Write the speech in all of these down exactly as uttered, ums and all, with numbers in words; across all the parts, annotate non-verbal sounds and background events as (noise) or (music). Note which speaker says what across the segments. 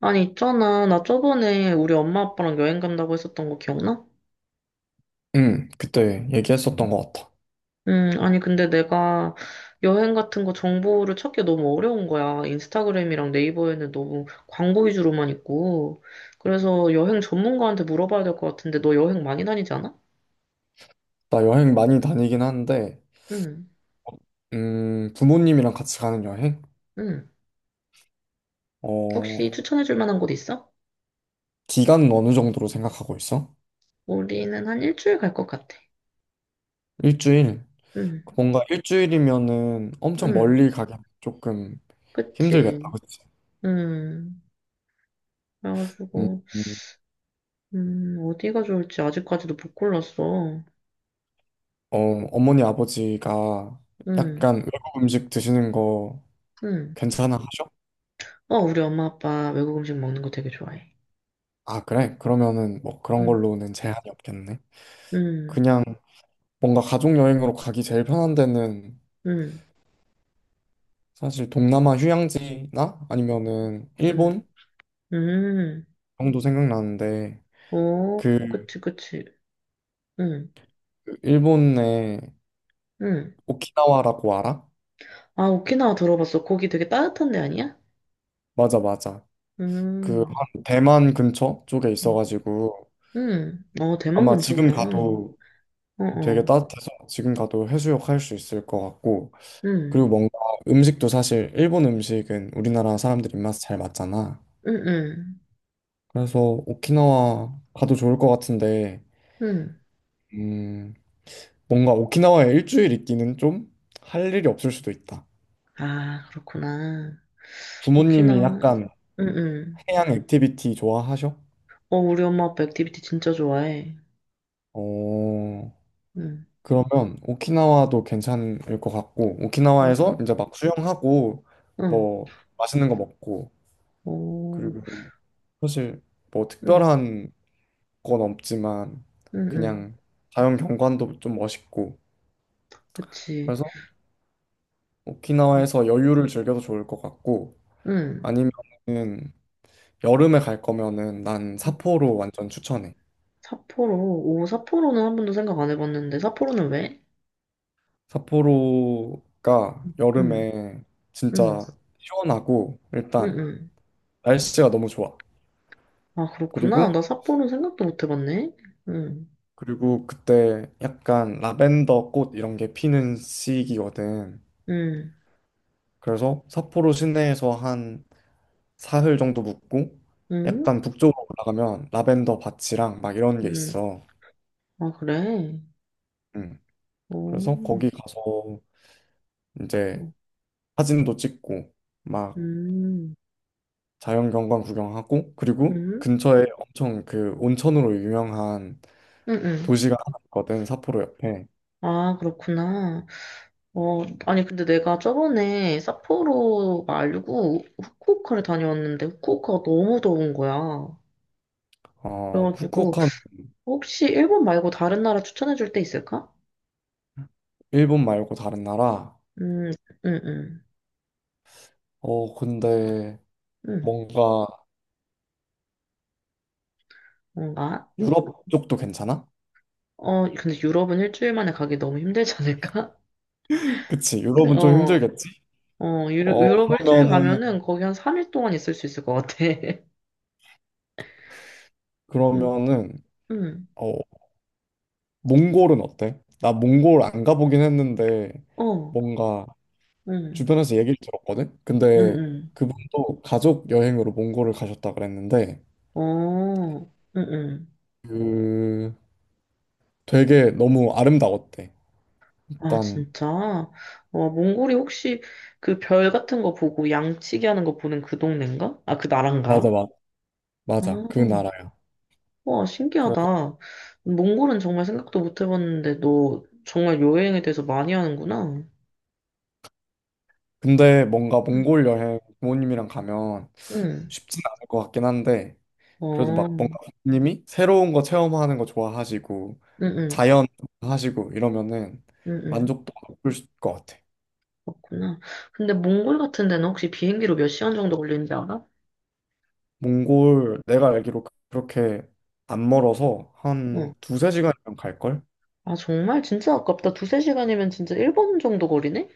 Speaker 1: 아니, 있잖아. 나 저번에 우리 엄마 아빠랑 여행 간다고 했었던 거 기억나?
Speaker 2: 응, 그때 얘기했었던 것 같아.
Speaker 1: 음, 아니, 근데 내가 여행 같은 거 정보를 찾기 너무 어려운 거야. 인스타그램이랑 네이버에는 너무 광고 위주로만 있고. 그래서 여행 전문가한테 물어봐야 될 것 같은데, 너 여행 많이 다니지 않아?
Speaker 2: 나 여행 많이 다니긴 하는데,
Speaker 1: 응,
Speaker 2: 음, 부모님이랑 같이 가는 여행?
Speaker 1: 응.
Speaker 2: 어,
Speaker 1: 혹시 추천해줄 만한 곳 있어?
Speaker 2: 기간은 어느 정도로 생각하고 있어?
Speaker 1: 우리는 한 일주일 갈 것 같아.
Speaker 2: 일주일?
Speaker 1: 응,
Speaker 2: 뭔가 일주일이면은 엄청
Speaker 1: 응.
Speaker 2: 멀리 가기 조금 힘들겠다,
Speaker 1: 그치.
Speaker 2: 그치?
Speaker 1: 응.
Speaker 2: 음,
Speaker 1: 그래가지고,
Speaker 2: 음.
Speaker 1: 음, 어디가 좋을지 아직까지도 못 골랐어.
Speaker 2: 어, 어머니, 아버지가
Speaker 1: 응.
Speaker 2: 약간 외국 음식 드시는 거
Speaker 1: 응.
Speaker 2: 괜찮아 하셔?
Speaker 1: 어, 우리 엄마 아빠 외국 음식 먹는 거 되게 좋아해.
Speaker 2: 아, 그래? 그러면은 뭐 그런
Speaker 1: 응,
Speaker 2: 걸로는 제한이 없겠네.
Speaker 1: 응,
Speaker 2: 그냥 뭔가 가족 여행으로 가기 제일 편한 데는
Speaker 1: 응,
Speaker 2: 사실 동남아 휴양지나 아니면은
Speaker 1: 응,
Speaker 2: 일본
Speaker 1: 응.
Speaker 2: 정도 생각나는데
Speaker 1: 오,
Speaker 2: 그 음.
Speaker 1: 그치, 그치. 응,
Speaker 2: 일본의
Speaker 1: 응.
Speaker 2: 오키나와라고 알아?
Speaker 1: 아, 오키나와 들어봤어. 거기 되게 따뜻한 데 아니야?
Speaker 2: 맞아 맞아. 그
Speaker 1: 음,
Speaker 2: 한 대만 근처 쪽에
Speaker 1: 응.
Speaker 2: 있어가지고
Speaker 1: 응. 어, 대만
Speaker 2: 아마 지금
Speaker 1: 근처구나.
Speaker 2: 가도
Speaker 1: 어,
Speaker 2: 되게
Speaker 1: 어.
Speaker 2: 따뜻해서 지금 가도 해수욕 할 수 있을 것 같고,
Speaker 1: 응,
Speaker 2: 그리고 뭔가 음식도 사실 일본 음식은 우리나라 사람들 입맛에 잘 맞잖아.
Speaker 1: 응, 응,
Speaker 2: 그래서 오키나와 가도 좋을 것 같은데,
Speaker 1: 응.
Speaker 2: 음 뭔가 오키나와에 일주일 있기는 좀 할 일이 없을 수도 있다.
Speaker 1: 아, 그렇구나.
Speaker 2: 부모님이
Speaker 1: 오키나와,
Speaker 2: 약간
Speaker 1: 응, 응.
Speaker 2: 해양 액티비티 좋아하셔?
Speaker 1: 어, 우리 엄마 아빠 액티비티 진짜 좋아해.
Speaker 2: 어,
Speaker 1: 응,
Speaker 2: 그러면 오키나와도 괜찮을 것 같고, 오키나와에서
Speaker 1: 응,
Speaker 2: 이제 막 수영하고,
Speaker 1: 응.
Speaker 2: 뭐, 맛있는 거 먹고,
Speaker 1: 오,
Speaker 2: 그리고 사실 뭐
Speaker 1: 응,
Speaker 2: 특별한 건 없지만,
Speaker 1: 응, 응.
Speaker 2: 그냥 자연 경관도 좀 멋있고,
Speaker 1: 그치.
Speaker 2: 그래서 오키나와에서 여유를 즐겨도 좋을 것 같고,
Speaker 1: 응.
Speaker 2: 아니면은 여름에 갈 거면은 난 삿포로 완전 추천해.
Speaker 1: 삿포로. 오, 삿포로는 한 번도 생각 안 해봤는데. 삿포로는 왜?
Speaker 2: 삿포로가
Speaker 1: 응,
Speaker 2: 여름에
Speaker 1: 응,
Speaker 2: 진짜 시원하고
Speaker 1: 응,
Speaker 2: 일단
Speaker 1: 응.
Speaker 2: 날씨가 너무 좋아.
Speaker 1: 아, 그렇구나.
Speaker 2: 그리고
Speaker 1: 나 삿포로 생각도 못 해봤네. 응,
Speaker 2: 그리고 그때 약간 라벤더 꽃 이런 게 피는 시기거든.
Speaker 1: 응,
Speaker 2: 그래서 삿포로 시내에서 한 사흘 정도 묵고,
Speaker 1: 응,
Speaker 2: 약간 북쪽으로 올라가면 라벤더 밭이랑 막 이런 게
Speaker 1: 응.
Speaker 2: 있어.
Speaker 1: 아, 그래.
Speaker 2: 음.
Speaker 1: 오,
Speaker 2: 그래서 거기 가서
Speaker 1: 어,
Speaker 2: 이제 사진도 찍고 막
Speaker 1: 음,
Speaker 2: 자연경관 구경하고, 그리고
Speaker 1: 응,
Speaker 2: 근처에 엄청 그 온천으로 유명한
Speaker 1: 응, 응.
Speaker 2: 도시가 하나 있거든, 삿포로 옆에.
Speaker 1: 아, 그렇구나. 어, 아니, 근데 내가 저번에 삿포로 말고 후쿠오카를 다녀왔는데 후쿠오카가 너무 더운 거야.
Speaker 2: 어
Speaker 1: 그래가지고
Speaker 2: 후쿠오카는.
Speaker 1: 혹시 일본 말고 다른 나라 추천해 줄 데 있을까?
Speaker 2: 일본 말고 다른 나라.
Speaker 1: 음, 음, 음,
Speaker 2: 어 근데
Speaker 1: 음,
Speaker 2: 뭔가
Speaker 1: 뭔가?
Speaker 2: 유럽 쪽도 괜찮아?
Speaker 1: 어, 근데 유럽은 일주일 만에 가기 너무 힘들지 않을까?
Speaker 2: (laughs) 그치,
Speaker 1: (laughs)
Speaker 2: 유럽은 좀
Speaker 1: 어,
Speaker 2: 힘들겠지?
Speaker 1: 어, 유럽,
Speaker 2: 어
Speaker 1: 유럽 일주일
Speaker 2: 그러면은
Speaker 1: 가면은 거기 한 삼 일 동안 있을 수 있을 것 같아. (laughs) 음,
Speaker 2: 그러면은
Speaker 1: 음,
Speaker 2: 어 몽골은 어때? 나 몽골 안 가보긴 했는데,
Speaker 1: 어,
Speaker 2: 뭔가
Speaker 1: 음,
Speaker 2: 주변에서 얘기를 들었거든?
Speaker 1: 음,
Speaker 2: 근데
Speaker 1: 음,
Speaker 2: 그분도 가족 여행으로 몽골을 가셨다 그랬는데,
Speaker 1: 어, 음, 음.
Speaker 2: 그 되게 너무 아름다웠대.
Speaker 1: 아,
Speaker 2: 일단
Speaker 1: 진짜? 어, 몽골이 혹시 그 별 같은 거 보고 양치기 하는 거 보는 그 동네인가? 아, 그
Speaker 2: 맞아
Speaker 1: 나라인가?
Speaker 2: 맞아.
Speaker 1: 아,
Speaker 2: 맞아, 그 나라야.
Speaker 1: 와,
Speaker 2: 그래서,
Speaker 1: 신기하다. 몽골은 정말 생각도 못 해봤는데, 너 정말 여행에 대해서 많이 하는구나.
Speaker 2: 근데 뭔가
Speaker 1: 응.
Speaker 2: 몽골 여행 부모님이랑 가면
Speaker 1: 응,
Speaker 2: 쉽진 않을 것 같긴 한데, 그래도
Speaker 1: 어,
Speaker 2: 막
Speaker 1: 응,
Speaker 2: 뭔가 부모님이 새로운 거 체험하는 거 좋아하시고,
Speaker 1: 응,
Speaker 2: 자연 하시고 이러면은
Speaker 1: 응, 응.
Speaker 2: 만족도가 높을 수- 것 같아.
Speaker 1: 그렇구나. 근데 몽골 같은 데는 혹시 비행기로 몇 시간 정도 걸리는지 알아?
Speaker 2: 몽골 내가 알기로 그렇게 안 멀어서 한
Speaker 1: 어.
Speaker 2: 두세 시간이면 갈걸?
Speaker 1: 아, 정말? 진짜 아깝다. 두세 시간이면 진짜 일본 정도 거리네?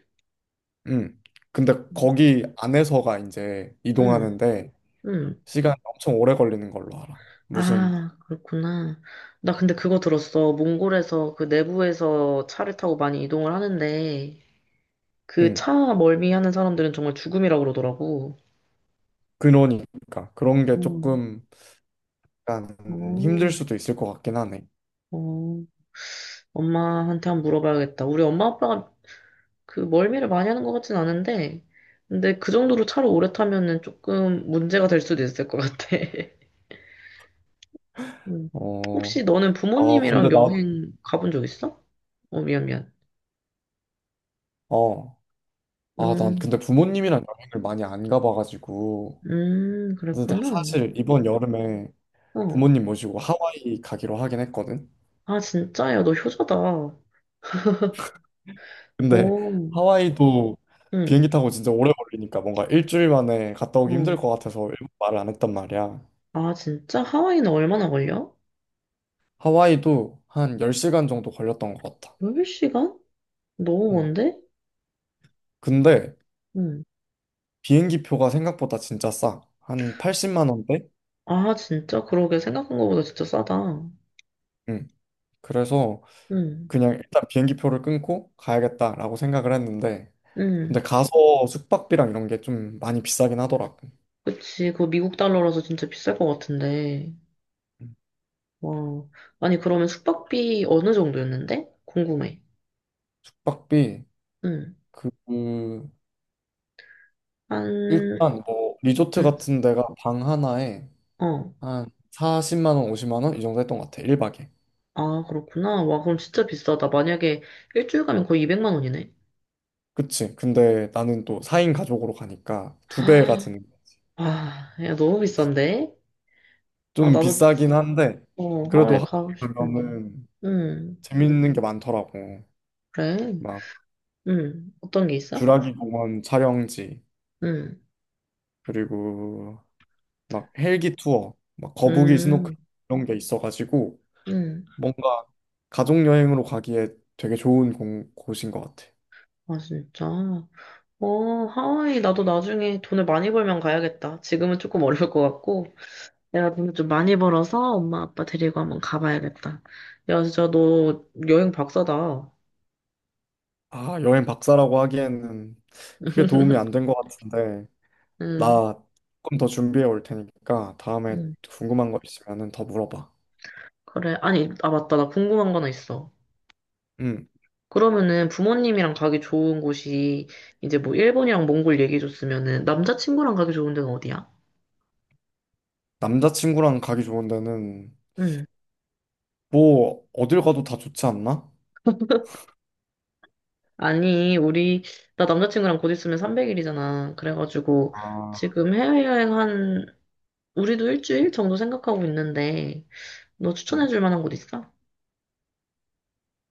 Speaker 2: 응. 근데 거기 안에서가 이제
Speaker 1: 응,
Speaker 2: 이동하는데
Speaker 1: 응.
Speaker 2: 시간 엄청 오래 걸리는 걸로 알아. 무슨
Speaker 1: 아, 그렇구나. 나 근데 그거 들었어. 몽골에서 그 내부에서 차를 타고 많이 이동을 하는데, 그
Speaker 2: 음
Speaker 1: 차 멀미하는 사람들은 정말 죽음이라고 그러더라고.
Speaker 2: 그러니까 그런 게
Speaker 1: 음,
Speaker 2: 조금 약간 힘들
Speaker 1: 어,
Speaker 2: 수도 있을 것 같긴 하네.
Speaker 1: 어, 엄마한테 한번 물어봐야겠다. 우리 엄마 아빠가 그 멀미를 많이 하는 것 같진 않은데, 근데 그 정도로 차를 오래 타면은 조금 문제가 될 수도 있을 것 같아. (laughs) 음.
Speaker 2: 어,
Speaker 1: 혹시 너는
Speaker 2: 아,
Speaker 1: 부모님이랑
Speaker 2: 근데 나,
Speaker 1: 여행 가본 적 있어? 어, 미안, 미안.
Speaker 2: 어, 아, 난
Speaker 1: 음,
Speaker 2: 근데 부모님이랑 여행을 많이 안 가봐가지고.
Speaker 1: 음,
Speaker 2: 근데 나
Speaker 1: 그랬구나.
Speaker 2: 사실 이번 여름에
Speaker 1: 어.
Speaker 2: 부모님 모시고 하와이 가기로 하긴 했거든.
Speaker 1: 아, 진짜? 야, 너 효자다.
Speaker 2: 근데
Speaker 1: 오,
Speaker 2: 하와이도
Speaker 1: 응,
Speaker 2: 비행기 타고 진짜 오래 걸리니까 뭔가 일주일 만에 갔다 오기 힘들
Speaker 1: 응.
Speaker 2: 것 같아서 일부 말을 안 했단 말이야.
Speaker 1: 아, 진짜? 하와이는 얼마나 걸려?
Speaker 2: 하와이도 한 열 시간 정도 걸렸던 것 같아.
Speaker 1: 열 시간? 너무
Speaker 2: 응.
Speaker 1: 먼데?
Speaker 2: 근데
Speaker 1: 응.
Speaker 2: 비행기 표가 생각보다 진짜 싸. 한 팔십만 원대?
Speaker 1: 아, 진짜? 그러게. 생각한 것보다 진짜 싸다.
Speaker 2: 응. 그래서
Speaker 1: 응.
Speaker 2: 그냥 일단 비행기 표를 끊고 가야겠다라고 생각을 했는데, 근데
Speaker 1: 응.
Speaker 2: 가서 숙박비랑 이런 게 좀 많이 비싸긴 하더라고.
Speaker 1: 그치. 그거 미국 달러라서 진짜 비쌀 것 같은데.
Speaker 2: 음.
Speaker 1: 와. 아니, 그러면 숙박비 어느 정도였는데? 궁금해.
Speaker 2: 숙박비,
Speaker 1: 응.
Speaker 2: 그 그,
Speaker 1: 한,
Speaker 2: 일단 뭐 리조트
Speaker 1: 응.
Speaker 2: 같은 데가 방 하나에
Speaker 1: 어.
Speaker 2: 한 사십만 원, 오십만 원 이 정도 했던 것 같아. 일 박에.
Speaker 1: 아, 그렇구나. 와, 그럼 진짜 비싸다. 만약에 일주일 가면 거의 이백만 원이네.
Speaker 2: 그치. 근데 나는 또 사 인 가족으로 가니까 두 배가
Speaker 1: 아,
Speaker 2: 드는 거야.
Speaker 1: 아, 야, 너무 비싼데? 아,
Speaker 2: 좀
Speaker 1: 나도,
Speaker 2: 비싸긴 한데,
Speaker 1: 어,
Speaker 2: 그래도
Speaker 1: 하와이
Speaker 2: 하루
Speaker 1: 가고 싶은데.
Speaker 2: 그러면은
Speaker 1: 응.
Speaker 2: 재밌는 게 많더라고.
Speaker 1: 그래.
Speaker 2: 막
Speaker 1: 응. 어떤 게 있어?
Speaker 2: 주라기 공원 촬영지,
Speaker 1: 응,
Speaker 2: 그리고 막 헬기 투어, 막 거북이 스노클
Speaker 1: 응,
Speaker 2: 이런 게 있어가지고,
Speaker 1: 응.
Speaker 2: 뭔가 가족 여행으로 가기에 되게 좋은 공- 곳인 것 같아.
Speaker 1: 아, 진짜. 어, 하와이, 나도 나중에 돈을 많이 벌면 가야겠다. 지금은 조금 어려울 것 같고, 내가 돈을 좀 많이 벌어서 엄마 아빠 데리고 한번 가봐야겠다. 야, 진짜 너 여행 박사다.
Speaker 2: 아, 여행 박사라고 하기에는 크게 도움이 안
Speaker 1: (laughs)
Speaker 2: 된 것 같은데,
Speaker 1: 응,
Speaker 2: 나 조금 더 준비해 올 테니까 다음에
Speaker 1: 응.
Speaker 2: 궁금한 거 있으면은 더 물어봐.
Speaker 1: 그래. 아니, 아, 맞다. 나 궁금한 거 하나 있어.
Speaker 2: 음
Speaker 1: 그러면은 부모님이랑 가기 좋은 곳이 이제 뭐 일본이랑 몽골 얘기해줬으면은 남자친구랑 가기 좋은 데는 어디야?
Speaker 2: 남자친구랑 가기 좋은 데는
Speaker 1: 응.
Speaker 2: 뭐 어딜 가도 다 좋지 않나?
Speaker 1: 아니, 우리, 나 남자친구랑 곧 있으면 삼백 일이잖아. 그래가지고,
Speaker 2: 아,
Speaker 1: 지금 해외여행 한, 우리도 일주일 정도 생각하고 있는데, 너
Speaker 2: 음.
Speaker 1: 추천해줄 만한 곳 있어?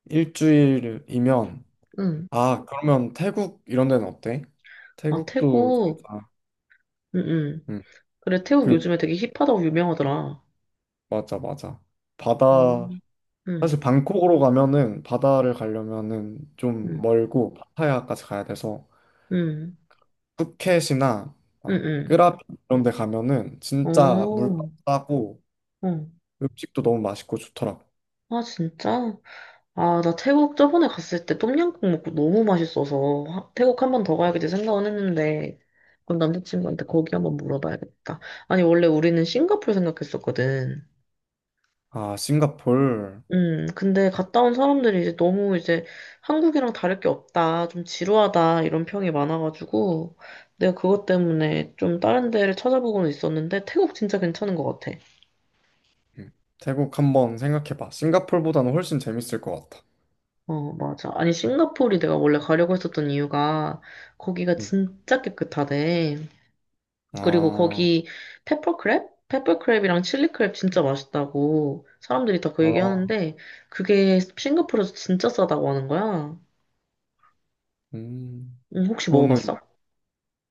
Speaker 2: 일주일이면
Speaker 1: 응.
Speaker 2: 아 음. 그러면 태국 이런 데는 어때?
Speaker 1: 아,
Speaker 2: 태국도
Speaker 1: 태국.
Speaker 2: 진짜.
Speaker 1: 응, 응.
Speaker 2: 응.
Speaker 1: 그래, 태국
Speaker 2: 그
Speaker 1: 요즘에 되게 힙하다고 유명하더라.
Speaker 2: 맞아 맞아. 바다.
Speaker 1: 음. 응,
Speaker 2: 사실 방콕으로 가면은 바다를 가려면은 좀
Speaker 1: 응,
Speaker 2: 멀고 파타야까지 가야 돼서
Speaker 1: 응,
Speaker 2: 푸켓이나
Speaker 1: 응,
Speaker 2: 막
Speaker 1: 응.
Speaker 2: 끄라비 이런 데 가면은 진짜 물가
Speaker 1: 어,
Speaker 2: 싸고
Speaker 1: 어.
Speaker 2: 음식도 너무 맛있고 좋더라고.
Speaker 1: 아, 진짜? 아, 나 태국 저번에 갔을 때 똠양꿍 먹고 너무 맛있어서 하- 태국 한 번 더 가야겠다 생각은 했는데 그럼 남자친구한테 거기 한번 물어봐야겠다. 아니, 원래 우리는 싱가포르 생각했었거든.
Speaker 2: 아, 싱가폴.
Speaker 1: 음, 근데 갔다 온 사람들이 이제 너무 이제 한국이랑 다를 게 없다, 좀 지루하다 이런 평이 많아가지고 내가 그것 때문에 좀 다른 데를 찾아보고는 있었는데 태국 진짜 괜찮은 것 같아.
Speaker 2: 음, 태국 한번 생각해봐. 싱가폴보다는 훨씬 재밌을 것 같아.
Speaker 1: 어, 맞아. 아니, 싱가포르 내가 원래 가려고 했었던 이유가 거기가
Speaker 2: 응.
Speaker 1: 진짜 깨끗하대. 그리고
Speaker 2: 아,
Speaker 1: 거기 페퍼크랩? 페퍼크랩이랑 칠리크랩 진짜 맛있다고 사람들이 다 그 얘기
Speaker 2: 아,
Speaker 1: 하는데 그게 싱가포르에서 진짜 싸다고 하는 거야.
Speaker 2: 음.
Speaker 1: 음, 혹시
Speaker 2: 그거는
Speaker 1: 먹어봤어?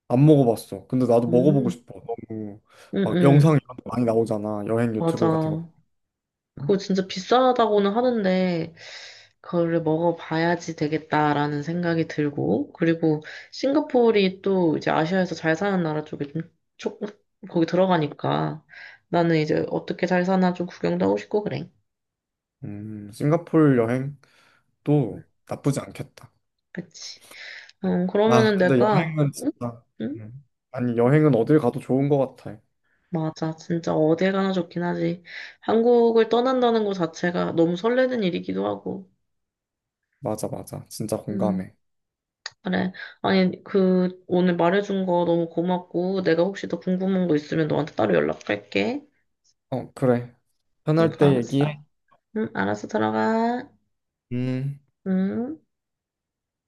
Speaker 2: 안 먹어봤어. 근데 나도 먹어보고
Speaker 1: 음,
Speaker 2: 싶어. 너무
Speaker 1: 음,
Speaker 2: 막
Speaker 1: 음,
Speaker 2: 영상 이런 데 많이 나오잖아. 여행 유튜브 같은 거.
Speaker 1: 맞아. 그거
Speaker 2: 보면.
Speaker 1: 진짜 비싸다고는 하는데 그거를 먹어봐야지 되겠다라는 생각이 들고 그리고 싱가포르이 또 이제 아시아에서 잘 사는 나라 쪽에 좀 조금 거기 들어가니까 나는 이제 어떻게 잘 사나 좀 구경도 하고 싶고 그래.
Speaker 2: 음, 싱가포르 여행도 나쁘지 않겠다.
Speaker 1: 그치. 어,
Speaker 2: 아,
Speaker 1: 그러면은
Speaker 2: 근데
Speaker 1: 내가,
Speaker 2: 여행은
Speaker 1: 응?
Speaker 2: 진짜
Speaker 1: 응?
Speaker 2: 음, 아니, 여행은 어딜 가도 좋은 것 같아.
Speaker 1: 맞아. 진짜 어딜 가나 좋긴 하지. 한국을 떠난다는 것 자체가 너무 설레는 일이기도 하고.
Speaker 2: 맞아, 맞아. 진짜
Speaker 1: 음,
Speaker 2: 공감해.
Speaker 1: 그래. 아니, 그, 오늘 말해준 거 너무 고맙고, 내가 혹시 더 궁금한 거 있으면 너한테 따로 연락할게.
Speaker 2: 어, 그래.
Speaker 1: 응,
Speaker 2: 편할 때
Speaker 1: 알았어.
Speaker 2: 얘기해.
Speaker 1: 응, 알았어. 들어가.
Speaker 2: 음.
Speaker 1: 응.